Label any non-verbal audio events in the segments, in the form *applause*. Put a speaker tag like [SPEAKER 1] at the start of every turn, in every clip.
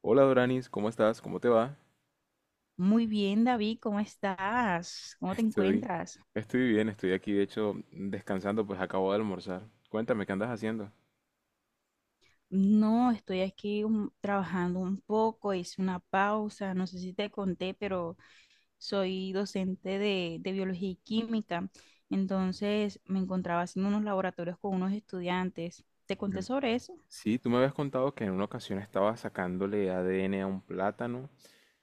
[SPEAKER 1] Hola Doranis, ¿cómo estás? ¿Cómo te va?
[SPEAKER 2] Muy bien, David, ¿cómo estás?
[SPEAKER 1] *laughs*
[SPEAKER 2] ¿Cómo te
[SPEAKER 1] Estoy,
[SPEAKER 2] encuentras?
[SPEAKER 1] estoy bien, estoy aquí de hecho descansando, pues acabo de almorzar. Cuéntame, ¿qué andas haciendo?
[SPEAKER 2] No, estoy aquí trabajando un poco, hice una pausa, no sé si te conté, pero soy docente de biología y química, entonces me encontraba haciendo unos laboratorios con unos estudiantes. ¿Te conté
[SPEAKER 1] Mm.
[SPEAKER 2] sobre eso?
[SPEAKER 1] Sí, tú me habías contado que en una ocasión estabas sacándole ADN a un plátano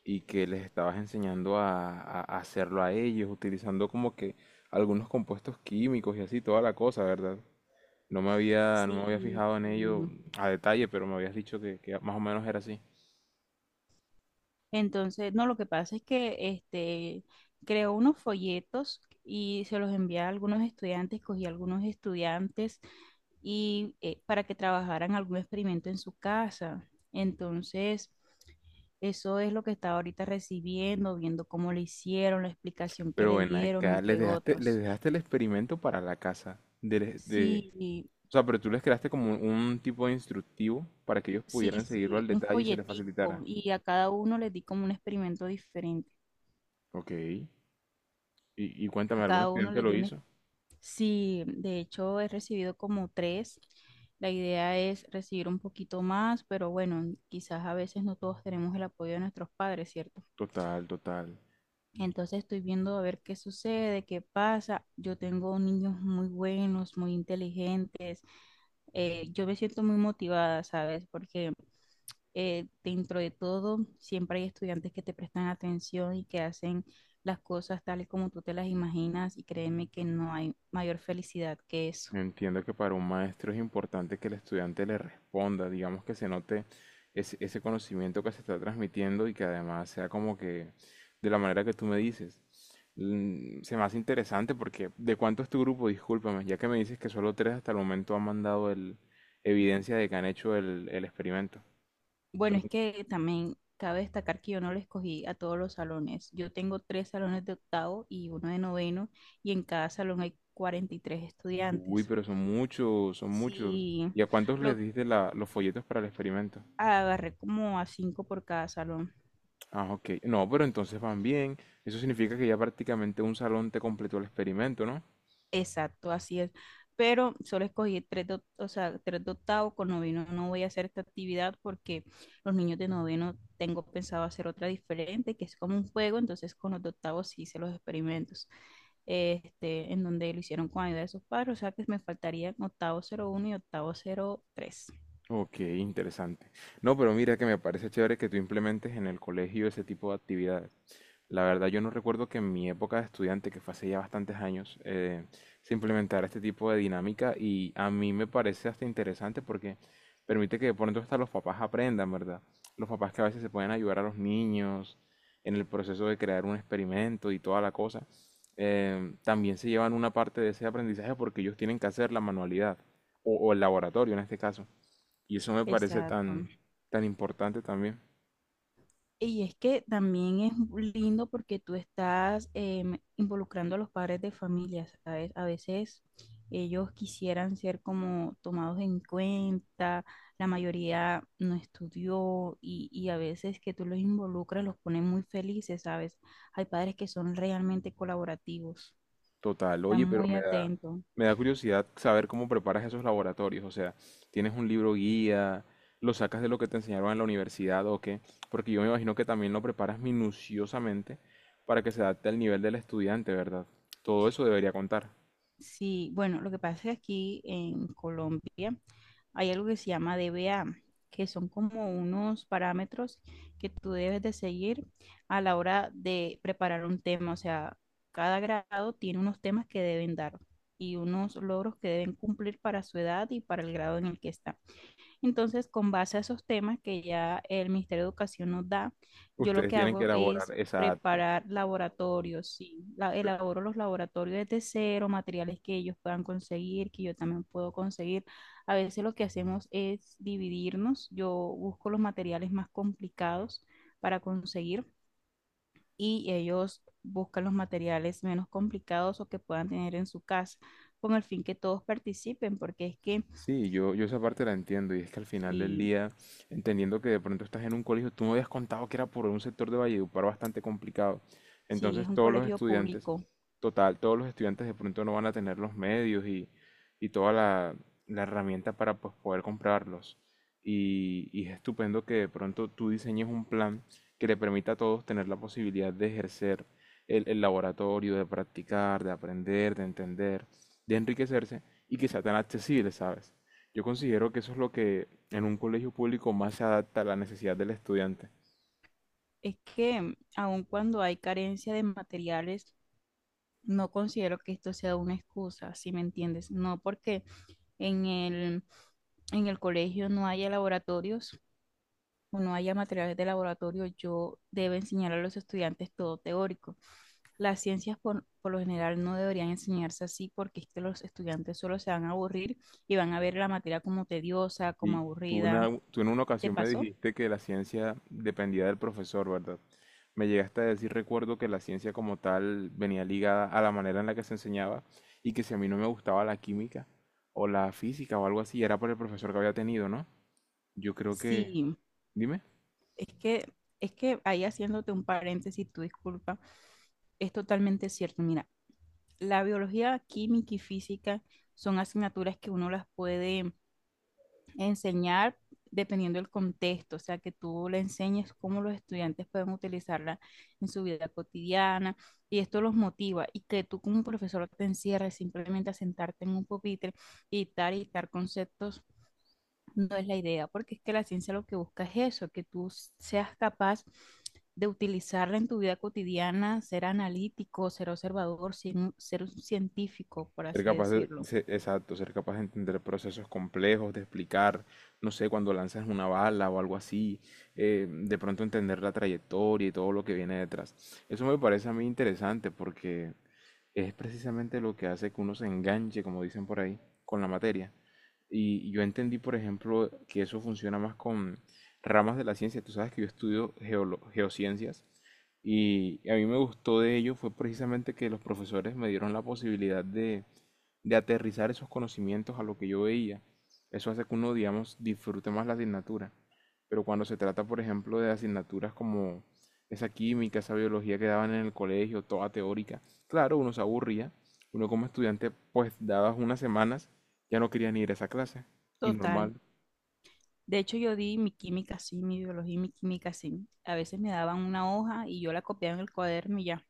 [SPEAKER 1] y que les estabas enseñando a hacerlo a ellos, utilizando como que algunos compuestos químicos y así, toda la cosa, ¿verdad? No me
[SPEAKER 2] Sí,
[SPEAKER 1] había fijado en ello
[SPEAKER 2] sí.
[SPEAKER 1] a detalle, pero me habías dicho que más o menos era así.
[SPEAKER 2] Entonces, no, lo que pasa es que creó unos folletos y se los envié a algunos estudiantes, cogí a algunos estudiantes y para que trabajaran algún experimento en su casa. Entonces, eso es lo que está ahorita recibiendo, viendo cómo le hicieron, la explicación que
[SPEAKER 1] Pero
[SPEAKER 2] le
[SPEAKER 1] ven
[SPEAKER 2] dieron,
[SPEAKER 1] acá,
[SPEAKER 2] entre
[SPEAKER 1] les
[SPEAKER 2] otros.
[SPEAKER 1] dejaste el experimento para la casa.
[SPEAKER 2] Sí,
[SPEAKER 1] O sea, pero tú les creaste como un tipo de instructivo para que ellos
[SPEAKER 2] sí,
[SPEAKER 1] pudieran seguirlo
[SPEAKER 2] sí,
[SPEAKER 1] al
[SPEAKER 2] un
[SPEAKER 1] detalle y se les
[SPEAKER 2] folletico
[SPEAKER 1] facilitara.
[SPEAKER 2] y a cada uno les di como un experimento diferente.
[SPEAKER 1] Ok. Y cuéntame,
[SPEAKER 2] A
[SPEAKER 1] ¿algún
[SPEAKER 2] cada uno
[SPEAKER 1] estudiante
[SPEAKER 2] les
[SPEAKER 1] lo
[SPEAKER 2] di un... ex-
[SPEAKER 1] hizo?
[SPEAKER 2] Sí, de hecho he recibido como tres. La idea es recibir un poquito más, pero bueno, quizás a veces no todos tenemos el apoyo de nuestros padres, ¿cierto?
[SPEAKER 1] Total, total.
[SPEAKER 2] Entonces estoy viendo a ver qué sucede, qué pasa. Yo tengo niños muy buenos, muy inteligentes. Yo me siento muy motivada, ¿sabes? Porque dentro de todo siempre hay estudiantes que te prestan atención y que hacen las cosas tales como tú te las imaginas y créeme que no hay mayor felicidad que eso.
[SPEAKER 1] Entiendo que para un maestro es importante que el estudiante le responda, digamos que se note ese conocimiento que se está transmitiendo y que además sea como que de la manera que tú me dices. Mm, se me hace interesante porque ¿de cuánto es tu grupo? Discúlpame, ya que me dices que solo tres hasta el momento han mandado evidencia de que han hecho el experimento.
[SPEAKER 2] Bueno,
[SPEAKER 1] Son-
[SPEAKER 2] es que también cabe destacar que yo no lo escogí a todos los salones. Yo tengo tres salones de octavo y uno de noveno y en cada salón hay 43
[SPEAKER 1] Uy,
[SPEAKER 2] estudiantes.
[SPEAKER 1] pero son muchos, son muchos.
[SPEAKER 2] Sí,
[SPEAKER 1] ¿Y a cuántos les
[SPEAKER 2] lo
[SPEAKER 1] diste los folletos para el experimento?
[SPEAKER 2] agarré como a cinco por cada salón.
[SPEAKER 1] Ah, ok. No, pero entonces van bien. Eso significa que ya prácticamente un salón te completó el experimento, ¿no?
[SPEAKER 2] Exacto, así es. Pero solo escogí tres de, o sea, tres de octavo con noveno. No voy a hacer esta actividad porque los niños de noveno tengo pensado hacer otra diferente, que es como un juego. Entonces con los de octavo sí hice los experimentos, en donde lo hicieron con ayuda de sus padres. O sea que me faltarían octavo cero uno y octavo cero tres.
[SPEAKER 1] Ok, interesante. No, pero mira que me parece chévere que tú implementes en el colegio ese tipo de actividades. La verdad, yo no recuerdo que en mi época de estudiante, que fue hace ya bastantes años, se implementara este tipo de dinámica y a mí me parece hasta interesante porque permite que de pronto hasta los papás aprendan, ¿verdad? Los papás que a veces se pueden ayudar a los niños en el proceso de crear un experimento y toda la cosa, también se llevan una parte de ese aprendizaje porque ellos tienen que hacer la manualidad o el laboratorio en este caso. Y eso me parece
[SPEAKER 2] Exacto.
[SPEAKER 1] tan importante también.
[SPEAKER 2] Y es que también es lindo porque tú estás involucrando a los padres de familia, ¿sabes? A veces ellos quisieran ser como tomados en cuenta, la mayoría no estudió y a veces que tú los involucras los pones muy felices, ¿sabes? Hay padres que son realmente colaborativos,
[SPEAKER 1] Total,
[SPEAKER 2] están
[SPEAKER 1] oye,
[SPEAKER 2] muy atentos.
[SPEAKER 1] me da curiosidad saber cómo preparas esos laboratorios. O sea, ¿tienes un libro guía? ¿Lo sacas de lo que te enseñaron en la universidad o qué? Porque yo me imagino que también lo preparas minuciosamente para que se adapte al nivel del estudiante, ¿verdad? Todo eso debería contar.
[SPEAKER 2] Sí, bueno, lo que pasa es que aquí en Colombia hay algo que se llama DBA, que son como unos parámetros que tú debes de seguir a la hora de preparar un tema. O sea, cada grado tiene unos temas que deben dar y unos logros que deben cumplir para su edad y para el grado en el que están. Entonces, con base a esos temas que ya el Ministerio de Educación nos da, yo lo
[SPEAKER 1] Ustedes
[SPEAKER 2] que
[SPEAKER 1] tienen que
[SPEAKER 2] hago
[SPEAKER 1] elaborar,
[SPEAKER 2] es
[SPEAKER 1] exacto.
[SPEAKER 2] preparar laboratorios, sí, elaboro los laboratorios desde cero, materiales que ellos puedan conseguir, que yo también puedo conseguir. A veces lo que hacemos es dividirnos, yo busco los materiales más complicados para conseguir y ellos buscan los materiales menos complicados o que puedan tener en su casa, con el fin que todos participen, porque es que
[SPEAKER 1] Sí, yo esa parte la entiendo y es que al final del
[SPEAKER 2] si,
[SPEAKER 1] día, entendiendo que de pronto estás en un colegio, tú me habías contado que era por un sector de Valledupar bastante complicado.
[SPEAKER 2] si es
[SPEAKER 1] Entonces
[SPEAKER 2] un
[SPEAKER 1] todos los
[SPEAKER 2] colegio
[SPEAKER 1] estudiantes,
[SPEAKER 2] público.
[SPEAKER 1] total, todos los estudiantes de pronto no van a tener los medios y toda la herramienta para pues, poder comprarlos. Y es estupendo que de pronto tú diseñes un plan que le permita a todos tener la posibilidad de ejercer el laboratorio, de practicar, de aprender, de entender, de enriquecerse y que sea tan accesible, ¿sabes? Yo considero que eso es lo que en un colegio público más se adapta a la necesidad del estudiante.
[SPEAKER 2] Es que aun cuando hay carencia de materiales, no considero que esto sea una excusa, si me entiendes. No porque en el colegio no haya laboratorios o no haya materiales de laboratorio, yo debo enseñar a los estudiantes todo teórico. Las ciencias por lo general no deberían enseñarse así porque es que los estudiantes solo se van a aburrir y van a ver la materia como tediosa, como
[SPEAKER 1] Y
[SPEAKER 2] aburrida.
[SPEAKER 1] tú en una
[SPEAKER 2] ¿Te
[SPEAKER 1] ocasión me
[SPEAKER 2] pasó?
[SPEAKER 1] dijiste que la ciencia dependía del profesor, ¿verdad? Me llegaste a decir, recuerdo que la ciencia como tal venía ligada a la manera en la que se enseñaba y que si a mí no me gustaba la química o la física o algo así, era por el profesor que había tenido, ¿no? Yo creo que...
[SPEAKER 2] Sí.
[SPEAKER 1] Dime.
[SPEAKER 2] Es que, es que, ahí haciéndote un paréntesis, tu disculpa, es totalmente cierto. Mira, la biología química y física son asignaturas que uno las puede enseñar dependiendo del contexto, o sea, que tú le enseñes cómo los estudiantes pueden utilizarla en su vida cotidiana y esto los motiva y que tú como profesor te encierres simplemente a sentarte en un pupitre y dictar conceptos no es la idea, porque es que la ciencia lo que busca es eso, que tú seas capaz de utilizarla en tu vida cotidiana, ser analítico, ser observador, ser un científico, por
[SPEAKER 1] Ser
[SPEAKER 2] así
[SPEAKER 1] capaz de,
[SPEAKER 2] decirlo.
[SPEAKER 1] se- Exacto, ser capaz de entender procesos complejos, de explicar, no sé, cuando lanzas una bala o algo así, de pronto entender la trayectoria y todo lo que viene detrás. Eso me parece a mí interesante porque es precisamente lo que hace que uno se enganche, como dicen por ahí, con la materia. Y yo entendí, por ejemplo, que eso funciona más con ramas de la ciencia. Tú sabes que yo estudio geociencias y a mí me gustó de ello fue precisamente que los profesores me dieron la posibilidad de aterrizar esos conocimientos a lo que yo veía. Eso hace que uno, digamos, disfrute más la asignatura. Pero cuando se trata, por ejemplo, de asignaturas como esa química, esa biología que daban en el colegio, toda teórica, claro, uno se aburría, uno como estudiante, pues dadas unas semanas, ya no quería ni ir a esa clase, y
[SPEAKER 2] Total.
[SPEAKER 1] normal.
[SPEAKER 2] De hecho, yo di mi química sí, mi biología y mi química sí. A veces me daban una hoja y yo la copiaba en el cuaderno y ya.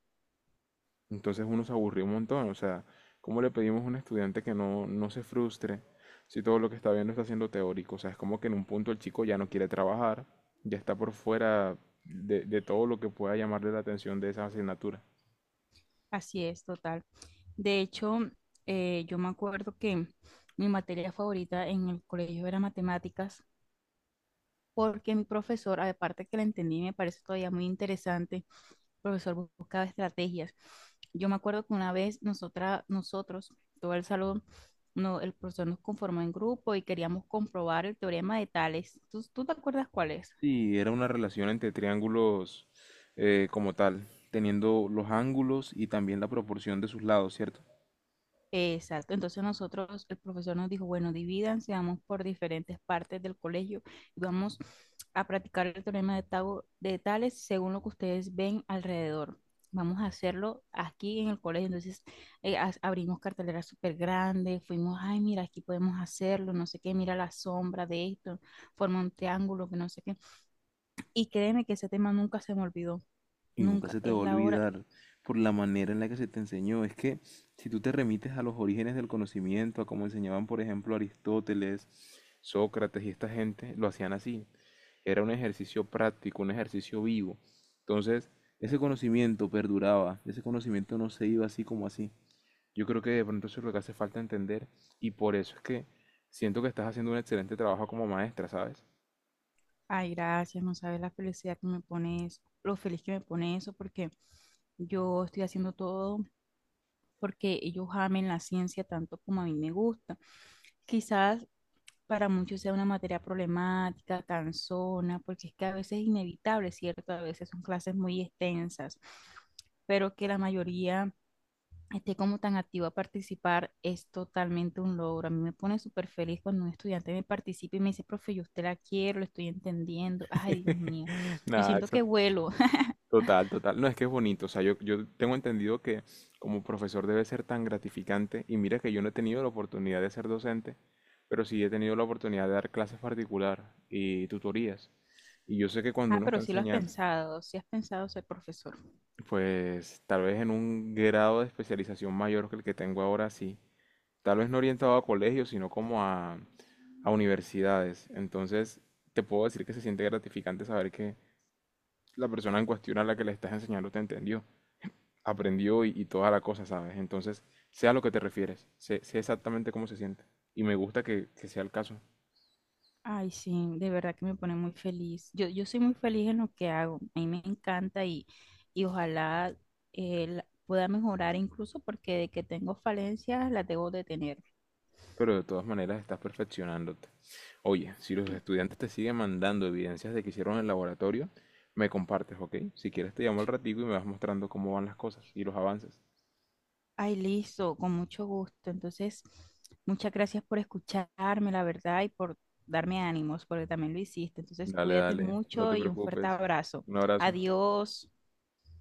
[SPEAKER 1] Entonces uno se aburrió un montón, o sea, ¿cómo le pedimos a un estudiante que no se frustre si todo lo que está viendo está siendo teórico? O sea, es como que en un punto el chico ya no quiere trabajar, ya está por fuera de todo lo que pueda llamarle la atención de esa asignatura.
[SPEAKER 2] Así es, total. De hecho, yo me acuerdo que mi materia favorita en el colegio era matemáticas porque mi profesor, aparte que la entendí, me parece todavía muy interesante, el profesor buscaba estrategias. Yo me acuerdo que una vez nosotros, todo el salón, no, el profesor nos conformó en grupo y queríamos comprobar el teorema de Tales. ¿Tú te acuerdas cuál es?
[SPEAKER 1] Sí, era una relación entre triángulos como tal, teniendo los ángulos y también la proporción de sus lados, ¿cierto?
[SPEAKER 2] Exacto, entonces nosotros, el profesor nos dijo, bueno, divídanse, vamos por diferentes partes del colegio y vamos a practicar el teorema de Tales según lo que ustedes ven alrededor. Vamos a hacerlo aquí en el colegio, entonces abrimos carteleras súper grandes, fuimos, ay, mira, aquí podemos hacerlo, no sé qué, mira la sombra de esto, forma un triángulo, que no sé qué. Y créeme que ese tema nunca se me olvidó,
[SPEAKER 1] Y nunca
[SPEAKER 2] nunca,
[SPEAKER 1] se te va a
[SPEAKER 2] es la hora.
[SPEAKER 1] olvidar por la manera en la que se te enseñó. Es que si tú te remites a los orígenes del conocimiento, a cómo enseñaban, por ejemplo, Aristóteles, Sócrates y esta gente, lo hacían así. Era un ejercicio práctico, un ejercicio vivo. Entonces, ese conocimiento perduraba, ese conocimiento no se iba así como así. Yo creo que de pronto eso es lo que hace falta entender y por eso es que siento que estás haciendo un excelente trabajo como maestra, ¿sabes?
[SPEAKER 2] Ay, gracias, no sabes la felicidad que me pone eso, lo feliz que me pone eso, porque yo estoy haciendo todo porque ellos amen la ciencia tanto como a mí me gusta. Quizás para muchos sea una materia problemática, cansona, porque es que a veces es inevitable, ¿cierto? A veces son clases muy extensas, pero que la mayoría esté como tan activo a participar es totalmente un logro. A mí me pone súper feliz cuando un estudiante me participa y me dice, profe, yo usted la quiero, lo estoy entendiendo. Ay, Dios mío,
[SPEAKER 1] *laughs*
[SPEAKER 2] yo
[SPEAKER 1] Nada,
[SPEAKER 2] siento
[SPEAKER 1] eso,
[SPEAKER 2] que vuelo. *laughs*
[SPEAKER 1] total, total. No, es que es bonito. O sea, yo tengo entendido que como profesor debe ser tan gratificante. Y mira que yo no he tenido la oportunidad de ser docente, pero sí he tenido la oportunidad de dar clases particular y tutorías. Y yo sé que cuando
[SPEAKER 2] Ah,
[SPEAKER 1] uno está
[SPEAKER 2] pero sí lo has
[SPEAKER 1] enseñando,
[SPEAKER 2] pensado, sí has pensado ser profesor.
[SPEAKER 1] pues tal vez en un grado de especialización mayor que el que tengo ahora, sí. Tal vez no orientado a colegios, sino como a universidades. Entonces, te puedo decir que se siente gratificante saber que la persona en cuestión a la que le estás enseñando te entendió, aprendió y toda la cosa, ¿sabes? Entonces, sé a lo que te refieres, sé exactamente cómo se siente. Y me gusta que sea el caso,
[SPEAKER 2] Ay, sí, de verdad que me pone muy feliz. Yo soy muy feliz en lo que hago. A mí me encanta y ojalá pueda mejorar incluso porque de que tengo falencias las debo de tener.
[SPEAKER 1] pero de todas maneras estás perfeccionándote. Oye, si los estudiantes te siguen mandando evidencias de que hicieron en el laboratorio, me compartes, ¿ok? Si quieres te llamo al ratico y me vas mostrando cómo van las cosas y los avances.
[SPEAKER 2] Ay, listo, con mucho gusto. Entonces, muchas gracias por escucharme, la verdad, y por darme ánimos, porque también lo hiciste. Entonces,
[SPEAKER 1] Dale,
[SPEAKER 2] cuídate
[SPEAKER 1] dale, no
[SPEAKER 2] mucho
[SPEAKER 1] te
[SPEAKER 2] y un fuerte
[SPEAKER 1] preocupes.
[SPEAKER 2] abrazo.
[SPEAKER 1] Un abrazo.
[SPEAKER 2] Adiós.